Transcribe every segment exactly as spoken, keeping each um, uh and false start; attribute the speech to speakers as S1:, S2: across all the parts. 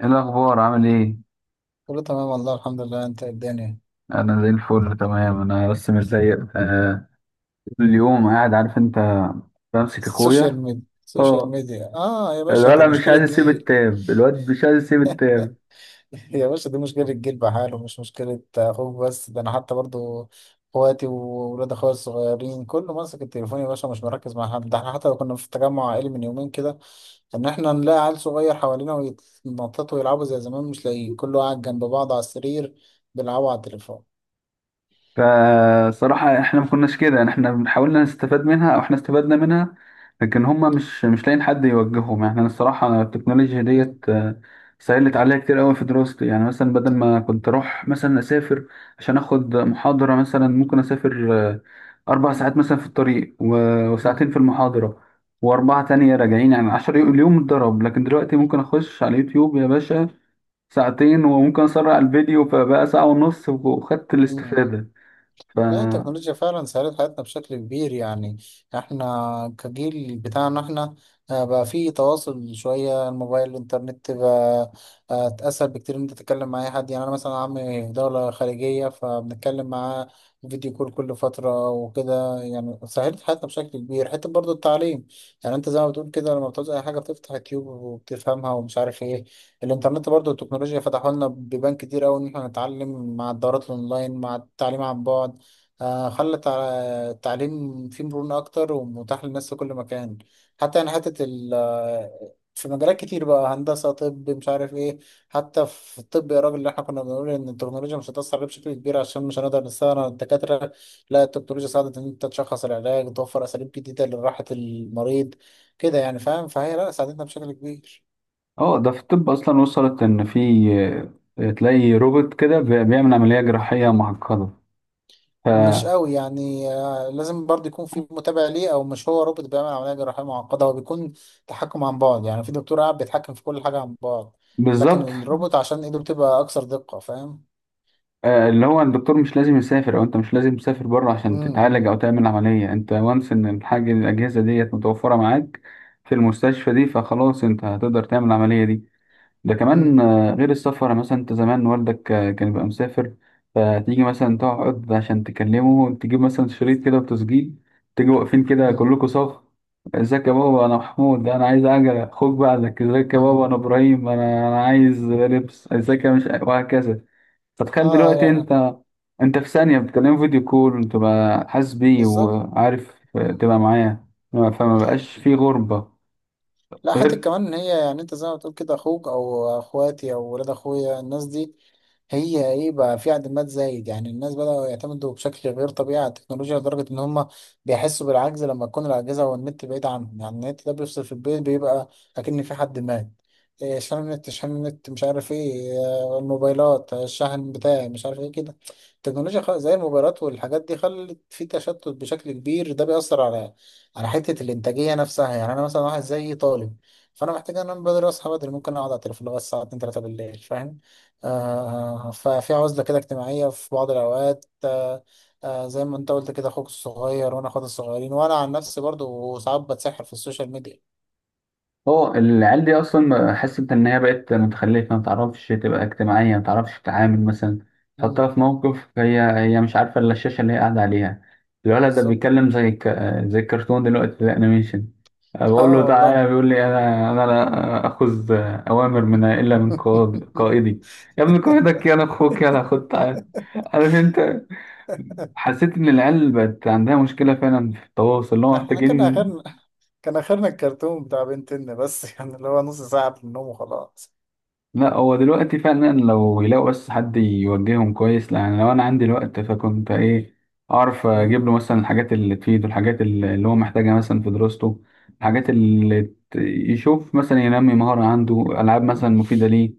S1: ايه الاخبار؟ عامل ايه؟
S2: كله تمام، والله الحمد لله. انت إيه الدنيا؟
S1: انا زي الفل تمام. انا بس مش زيك. آه اليوم قاعد، عارف انت، بمسك
S2: السوشيال
S1: اخويا.
S2: ميديا، السوشيال
S1: اه،
S2: ميديا، اه يا باشا، دي
S1: الولد مش
S2: مشكلة
S1: عايز يسيب
S2: جيل.
S1: التاب. الواد مش عايز يسيب التاب
S2: يا باشا، دي مشكلة جيل بحاله، مش مشكلة اخوك بس. ده انا حتى برضو اخواتي وولاد اخويا الصغيرين كله ماسك التليفون يا باشا، مش مركز مع حد. ده احنا حتى لو كنا في تجمع عائلي من يومين كده، ان احنا نلاقي عيل صغير حوالينا ويتنططوا ويلعبوا زي زمان، مش لاقيين. كله قاعد جنب بعض على السرير بيلعبوا على التليفون.
S1: فصراحة احنا ما كناش كده. يعني احنا حاولنا نستفاد منها، او احنا استفدنا منها، لكن هما مش مش لاقيين حد يوجههم. يعني انا الصراحة التكنولوجيا
S2: مم،
S1: ديت آه، سهلت عليا كتير قوي في دراستي. يعني مثلا بدل ما كنت اروح مثلا اسافر عشان اخد محاضرة، مثلا ممكن اسافر آه، اربع ساعات مثلا في الطريق، و-
S2: مم،
S1: وساعتين في المحاضرة، واربعة تانية راجعين. يعني عشر يو- اليوم اتضرب. لكن دلوقتي ممكن اخش على اليوتيوب يا باشا ساعتين، وممكن اسرع الفيديو فبقى ساعة ونص، وخدت
S2: مم.
S1: الاستفادة. ف
S2: لا، التكنولوجيا فعلا سهلت حياتنا بشكل كبير. يعني احنا كجيل بتاعنا احنا، آه، بقى في تواصل شوية. الموبايل، الانترنت، بقى آه، اسهل بكتير ان انت تتكلم مع اي حد. يعني انا مثلا عمي في دولة خارجية فبنتكلم معاه فيديو كول كل فترة وكده. يعني سهلت حياتنا بشكل كبير، حتى برضو التعليم. يعني انت زي ما بتقول كده، لما بتعوز اي حاجة بتفتح يوتيوب وبتفهمها ومش عارف ايه. الانترنت برضو، التكنولوجيا فتحوا لنا بيبان كتير قوي ان احنا نتعلم مع الدورات الاونلاين، مع التعليم عن بعد. آه، خلى التع- التعليم فيه مرونة أكتر ومتاح للناس في كل مكان. حتى يعني حتة ال آه، في مجالات كتير بقى، هندسة، طب، مش عارف إيه. حتى في الطب يا راجل، اللي إحنا كنا بنقول إن التكنولوجيا مش هتأثر عليه بشكل كبير عشان مش هنقدر نستغنى عن الدكاترة. لا، التكنولوجيا ساعدت إن أنت تشخص العلاج وتوفر أساليب جديدة لراحة المريض كده، يعني، فاهم؟ فهي لا، ساعدتنا بشكل كبير.
S1: اه، ده في الطب اصلا وصلت ان في آه، تلاقي روبوت كده بي- بيعمل عمليه جراحيه معقده. ف
S2: مش قوي يعني، آه، لازم برضه يكون في متابع ليه. او مش هو روبوت بيعمل عمليه جراحيه معقده، هو بيكون تحكم عن بعد. يعني في دكتور قاعد بيتحكم في كل حاجه عن بعد، لكن
S1: بالظبط.
S2: الروبوت عشان ايده بتبقى اكثر دقه، فاهم؟
S1: آه، اللي هو الدكتور مش لازم يسافر، او انت مش لازم تسافر بره عشان تتعالج
S2: امم،
S1: او تعمل عمليه. انت وانس ان الحاجه الاجهزه ديت متوفره معاك في المستشفى دي، فخلاص انت هتقدر تعمل العمليه دي. ده كمان
S2: امم،
S1: آه، غير السفر. يعني مثلا انت زمان والدك آه، كان بيبقى مسافر، فتيجي مثلا تقعد عشان تكلمه، تجيب مثلا شريط كده وتسجيل، تيجي واقفين كده
S2: امم،
S1: كلكم صف: ازيك يا بابا، انا محمود، انا عايز عجلة، خد بعدك، ازيك يا بابا، انا
S2: امم،
S1: ابراهيم، انا انا عايز لبس، ازيك يا مش، وهكذا.
S2: اه،
S1: فتخيل
S2: آه،
S1: دلوقتي
S2: يعني
S1: انت انت في ثانية بتكلمه فيديو كول وتبقى حاسس بيه
S2: بالظبط.
S1: وعارف، آه،
S2: مم.
S1: تبقى معاه، فما بقاش في غربة.
S2: لا، حتى
S1: غير
S2: كمان ان هي، يعني انت زي ما بتقول كده، اخوك او اخواتي او ولاد اخويا، الناس دي هي ايه؟ بقى في اعتماد زايد. يعني الناس بدأوا يعتمدوا بشكل غير طبيعي على التكنولوجيا، لدرجة ان هم بيحسوا بالعجز لما تكون الأجهزة والنت بعيد عنهم. يعني النت ده بيفصل في البيت بيبقى أكن في حد مات. إيه، شحن النت شحن النت، مش عارف ايه، آه، الموبايلات، آه، الشحن بتاعي مش عارف ايه كده. التكنولوجيا خ- زي الموبايلات والحاجات دي خلت في تشتت بشكل كبير. ده بيأثر على على حتة الإنتاجية نفسها. يعني أنا مثلا واحد زي طالب. فأنا محتاج أنام بدري، أصحى بدري. ممكن أقعد على التليفون لغاية الساعة اتنين تلاتة بالليل، فاهم؟ آه، ففي عزلة كده اجتماعية في بعض الأوقات. آه، آه، زي ما انت قلت كده، أخوك الصغير وأنا أخواتي الصغيرين، وأنا عن نفسي برضو ساعات بتسحر في السوشيال ميديا.
S1: اه العيال دي اصلا، حاسس انت ان هي بقت متخلفه، ما تعرفش تبقى اجتماعيه، ما تعرفش تتعامل. مثلا
S2: مم،
S1: تحطها في موقف هي هي مش عارفه الا الشاشه اللي هي قاعده عليها. الولد ده
S2: بالظبط،
S1: بيتكلم زي ك... زي الكرتون دلوقتي، زي الانيميشن. بقول
S2: اه
S1: له
S2: والله.
S1: تعالى، بيقول لي: انا انا لا اخذ اوامر من الا من قائد قائدي. يا ابن قائدك، يا انا اخوك، يلا خد تعالى. عارف انت، حسيت ان العيال بقت عندها مشكله فعلا في التواصل اللي هو
S2: احنا كان
S1: محتاجين.
S2: آخرنا كان آخرنا الكرتون بتاع بنتنا بس، يعني اللي هو نص ساعة في النوم وخلاص.
S1: لا، هو دلوقتي فعلا لو يلاقوا بس حد يوجههم كويس. يعني لو انا عندي الوقت، فكنت ايه، اعرف اجيب
S2: مم،
S1: له مثلا الحاجات اللي تفيده، الحاجات اللي اللي هو محتاجها مثلا في دراسته، الحاجات
S2: مم،
S1: اللي ت- يشوف مثلا ينمي مهارة عنده، العاب مثلا مفيدة ليه.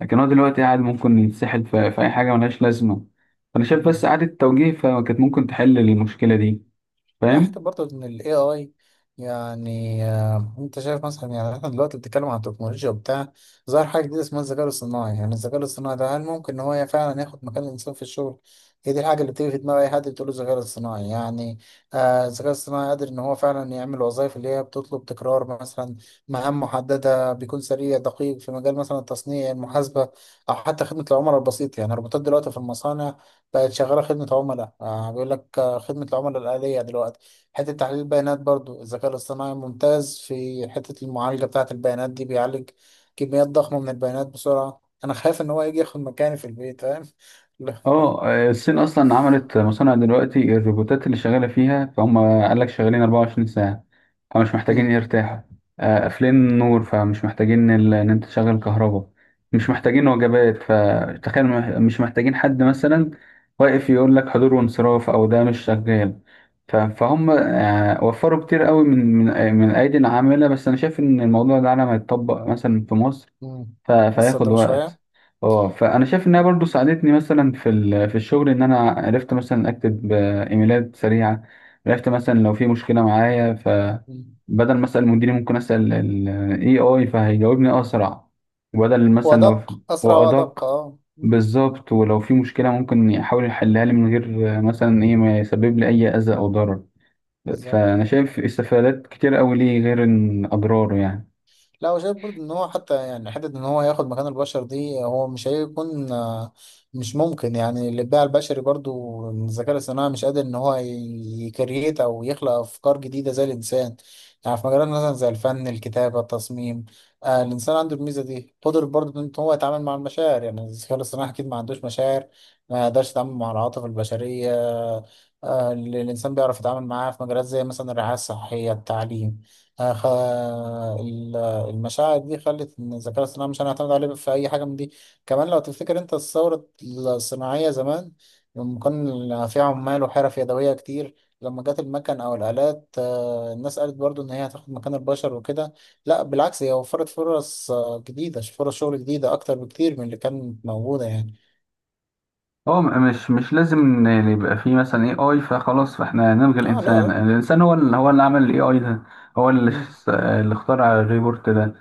S1: لكن هو دلوقتي قاعد ممكن يتسحل في, في اي حاجة ملهاش لازمة. فانا شايف بس
S2: مم.
S1: إعادة توجيه فكانت ممكن تحل المشكلة دي،
S2: لا،
S1: فاهم؟
S2: حتى برضه ان ال إيه آي، يعني، آه، انت شايف مثلا. يعني احنا دلوقتي بنتكلم عن التكنولوجيا وبتاع، ظهر حاجة جديدة اسمها الذكاء الاصطناعي. يعني الذكاء الاصطناعي ده، هل ممكن ان هو فعلا ياخد مكان الانسان في الشغل؟ هي دي الحاجة اللي بتيجي في دماغ اي حد بتقول له الذكاء الاصطناعي. يعني آه، الذكاء الاصطناعي قادر ان هو فعلا يعمل وظائف اللي هي بتطلب تكرار، مثلا مهام محددة. بيكون سريع دقيق في مجال مثلا التصنيع، المحاسبة، او حتى خدمة العملاء البسيط. يعني الروبوتات دلوقتي في المصانع بقت شغالة خدمة عملاء. آه، بيقول لك آه، خدمة العملاء الآلية دلوقتي. حتة تحليل البيانات برضو، الذكاء الاصطناعي ممتاز في حتة المعالجة بتاعة البيانات دي. بيعالج كميات ضخمة من البيانات بسرعة. أنا خايف إن هو يجي ياخد مكاني في البيت، فاهم؟ لا.
S1: اه آه،
S2: ف...
S1: الصين اصلا عملت مصانع دلوقتي، الروبوتات اللي شغاله فيها، فهم قال لك شغالين اربعة وعشرين ساعه فمش محتاجين
S2: مم.
S1: يرتاحوا. آه، قافلين النور فمش محتاجين ال- ان انت تشغل كهرباء، مش محتاجين وجبات. فتخيل مح- مش محتاجين حد مثلا واقف يقول لك حضور وانصراف، او ده مش شغال. ف- فهم آه، وفروا كتير قوي من من آه، من ايدي العامله. بس انا شايف ان الموضوع ده لما يتطبق مثلا في مصر،
S2: مم.
S1: ف-
S2: لسه
S1: فهياخد
S2: قدام شوية.
S1: وقت. اه فانا شايف انها برضو ساعدتني مثلا في ال- في الشغل. ان انا عرفت مثلا اكتب آه، ايميلات سريعه، عرفت مثلا لو في مشكله معايا،
S2: مم.
S1: فبدل ما اسال مديري ممكن اسال الاي اي فهيجاوبني اسرع، وبدل مثلا لو في-
S2: وأدق، أسرع وأدق،
S1: وادق.
S2: أه. مم.
S1: بالظبط. ولو في مشكله ممكن يحاول يحلها لي من غير آه، مثلا ايه، ما يسبب لي اي اذى او ضرر.
S2: بالظبط.
S1: فانا شايف استفادات كتير قوي ليه غير إن اضراره، يعني.
S2: لا، وشايف برضه ان هو حتى، يعني حته ان هو ياخد مكان البشر دي، هو مش هيكون آه، مش ممكن. يعني الابداع البشري برضه، الذكاء الاصطناعي مش قادر ان هو يكريت او يخلق افكار جديده زي الانسان. يعني في مجالات مثلا زي الفن، الكتابه، التصميم. آه الانسان عنده الميزه دي. قدر برضه ان هو يتعامل مع المشاعر. يعني الذكاء الاصطناعي اكيد ما عندوش مشاعر، ما يقدرش يتعامل مع العواطف البشريه. آه اللي الانسان بيعرف يتعامل معاها في مجالات زي مثلا الرعايه الصحيه، التعليم. آه، خ- المشاعر دي خلت ان الذكاء الصناعي مش هنعتمد عليه في اي حاجه من دي. كمان لو تفتكر انت الثوره الصناعيه زمان، لما كان في عمال وحرف يدويه كتير، لما جت المكن او الالات، آه، الناس قالت برضو ان هي هتاخد مكان البشر وكده. لا، بالعكس، هي وفرت فرص آه، جديده، فرص شغل جديده اكتر بكتير من اللي كانت موجوده يعني.
S1: هو م- مش مش لازم إن يعني يبقى فيه مثلا اي اي فخلاص فاحنا نلغي
S2: اه، لا
S1: الانسان.
S2: لا.
S1: الانسان هو اللي هو اللي عمل الاي اي ده، هو اللي
S2: مم،
S1: ش- اللي اخترع الريبورت ده،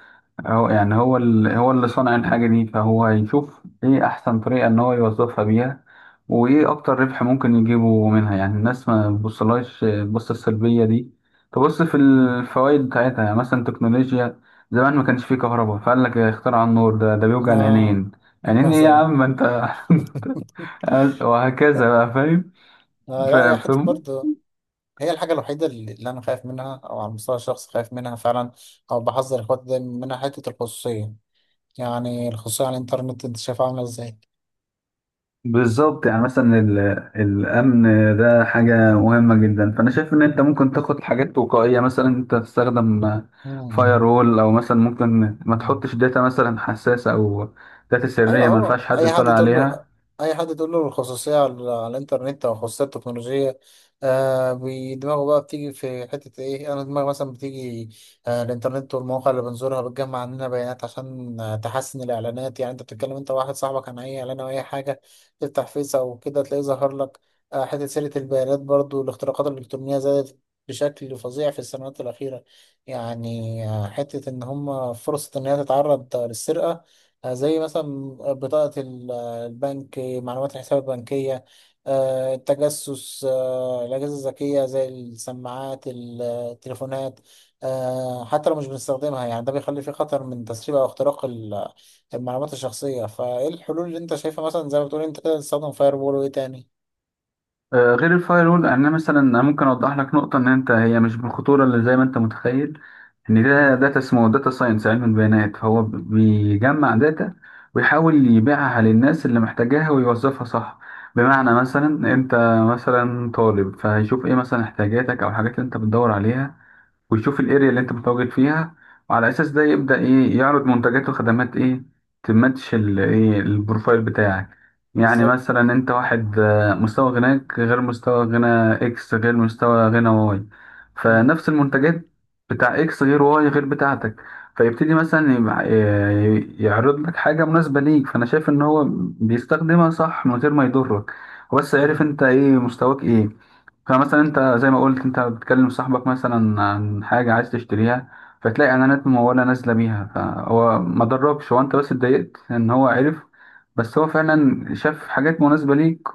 S1: هو يعني هو اللي هو اللي صنع الحاجة دي، فهو يشوف ايه احسن طريقة ان هو يوظفها بيها، وايه
S2: مم،
S1: اكتر ربح ممكن يجيبه منها. يعني الناس ما تبصلهاش تبص السلبية دي، تبص في
S2: مم.
S1: الفوائد بتاعتها. يعني مثلا تكنولوجيا زمان ما كانش فيه كهرباء، فقال لك اخترع النور ده، ده بيوجع
S2: آه.
S1: العينين. عينين ايه يا
S2: مثلا.
S1: عم ما انت وهكذا بقى، فاهم؟
S2: آه،
S1: ف-
S2: لا يا حتة
S1: فاهم.
S2: برضه. هي الحاجة الوحيدة اللي اللي أنا خايف منها، أو على المستوى الشخصي خايف منها فعلا، أو بحذر إخواتي دايما منها. حتة الخصوصية. يعني الخصوصية على الإنترنت أنت شايفها عاملة إزاي؟
S1: بالظبط. يعني مثلا ال- الأمن ده حاجة مهمة جدا. فأنا شايف إن أنت ممكن تاخد حاجات وقائية، مثلا أنت تستخدم فاير وول، أو مثلا ممكن ما
S2: مم.
S1: تحطش داتا مثلا حساسة، أو داتا
S2: ايوه.
S1: سرية ما
S2: هو
S1: ينفعش حد
S2: اي حد
S1: يطلع
S2: تقول له
S1: عليها.
S2: اي حد تقول له الخصوصيه على, على الانترنت او الخصوصيه التكنولوجيه، آه بي- دماغه بقى بتيجي في حته ايه؟ انا دماغي مثلا بتيجي، آه الانترنت والمواقع اللي بنزورها بتجمع عننا بيانات عشان آه تحسن الاعلانات. يعني انت بتتكلم انت واحد صاحبك عن اي اعلان او اي حاجه، تفتح فيس او كده تلاقيه ظهر لك. آه حته سيره البيانات برضو، الاختراقات الالكترونيه زادت بشكل فظيع في السنوات الاخيره. يعني آه حته ان هم فرصه ان هي تتعرض للسرقه، آه، زي مثلا بطاقة ال- البنك، معلومات الحساب البنكية، آه، التجسس، آه، الأجهزة الذكية زي السماعات، التليفونات، آه، حتى لو مش بنستخدمها. يعني ده بيخلي فيه خطر من تسريب أو اختراق ال- المعلومات الشخصية. فإيه الحلول اللي أنت شايفها مثلا؟ زي ما بتقول أنت كده، تستخدم فاير وول، وإيه تاني؟
S1: آه، غير الفاير وول، يعني انا مثلا أنا ممكن اوضح لك نقطه ان انت هي مش بالخطوره اللي زي ما انت متخيل، ان
S2: مم.
S1: ده داتا، اسمه داتا ساينس، علم البيانات، فهو بيجمع داتا ويحاول يبيعها للناس اللي محتاجاها ويوظفها صح. بمعنى
S2: مم.
S1: مثلا انت مثلا طالب، فهيشوف ايه مثلا احتياجاتك او الحاجات اللي انت بتدور عليها، ويشوف الاريا اللي انت متواجد فيها، وعلى اساس ده يبدا ايه يعرض منتجات وخدمات ايه تماتش ال- ايه البروفايل بتاعك. يعني
S2: بالظبط.
S1: مثلا انت واحد آه، مستوى غناك غير مستوى غنى اكس غير مستوى غنى واي.
S2: مم.
S1: فنفس المنتجات بتاع اكس غير واي غير بتاعتك. فيبتدي مثلا يبع- ي- يعرض لك حاجة مناسبة ليك. فأنا شايف إن هو بيستخدمها صح من غير ما يضرك. هو بس عارف
S2: مم.
S1: أنت إيه، مستواك إيه. فمثلا انت زي ما قلت، انت بتكلم صاحبك مثلا عن حاجة عايز تشتريها، فتلاقي اعلانات ممولة نازلة بيها. فهو ما ضركش، هو انت بس اتضايقت ان هو عرف، بس هو فعلا شاف حاجات مناسبة ليك،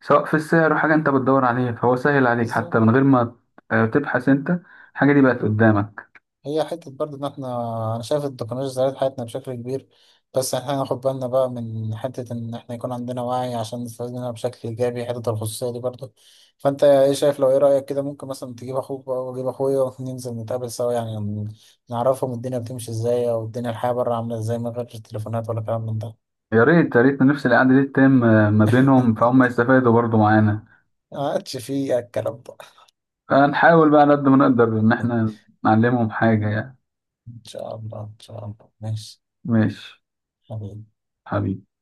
S1: سواء في السعر او حاجة انت بتدور عليها، فهو سهل عليك حتى
S2: بالظبط.
S1: من غير ما اه، تبحث انت. الحاجة دي بقت قدامك.
S2: هي حتة برضه إن إحنا، أنا شايف التكنولوجيا سهلت حياتنا بشكل كبير، بس إحنا ناخد بالنا بقى من حتة إن إحنا يكون عندنا وعي عشان نستفيد منها بشكل إيجابي. حتة الخصوصية دي برضه. فأنت إيه شايف؟ لو إيه رأيك كده، ممكن مثلا تجيب أخوك بقى وأجيب أخويا وننزل نتقابل سوا. يعني ن- نعرفهم الدنيا بتمشي إزاي، أو الدنيا الحياة بره عاملة إزاي من غير التليفونات ولا كلام من ده.
S1: يا ريت، يا ريت نفس القعدة دي تتم اه، ما بينهم فهم يستفادوا برضو معانا.
S2: ما عادش فيه الكلام ده.
S1: فنحاول بقى على قد ما نقدر ان احنا نعلمهم حاجة، يعني.
S2: إن شاء الله، إن شاء الله، ماشي
S1: ماشي.
S2: حبيبي.
S1: حبيبي.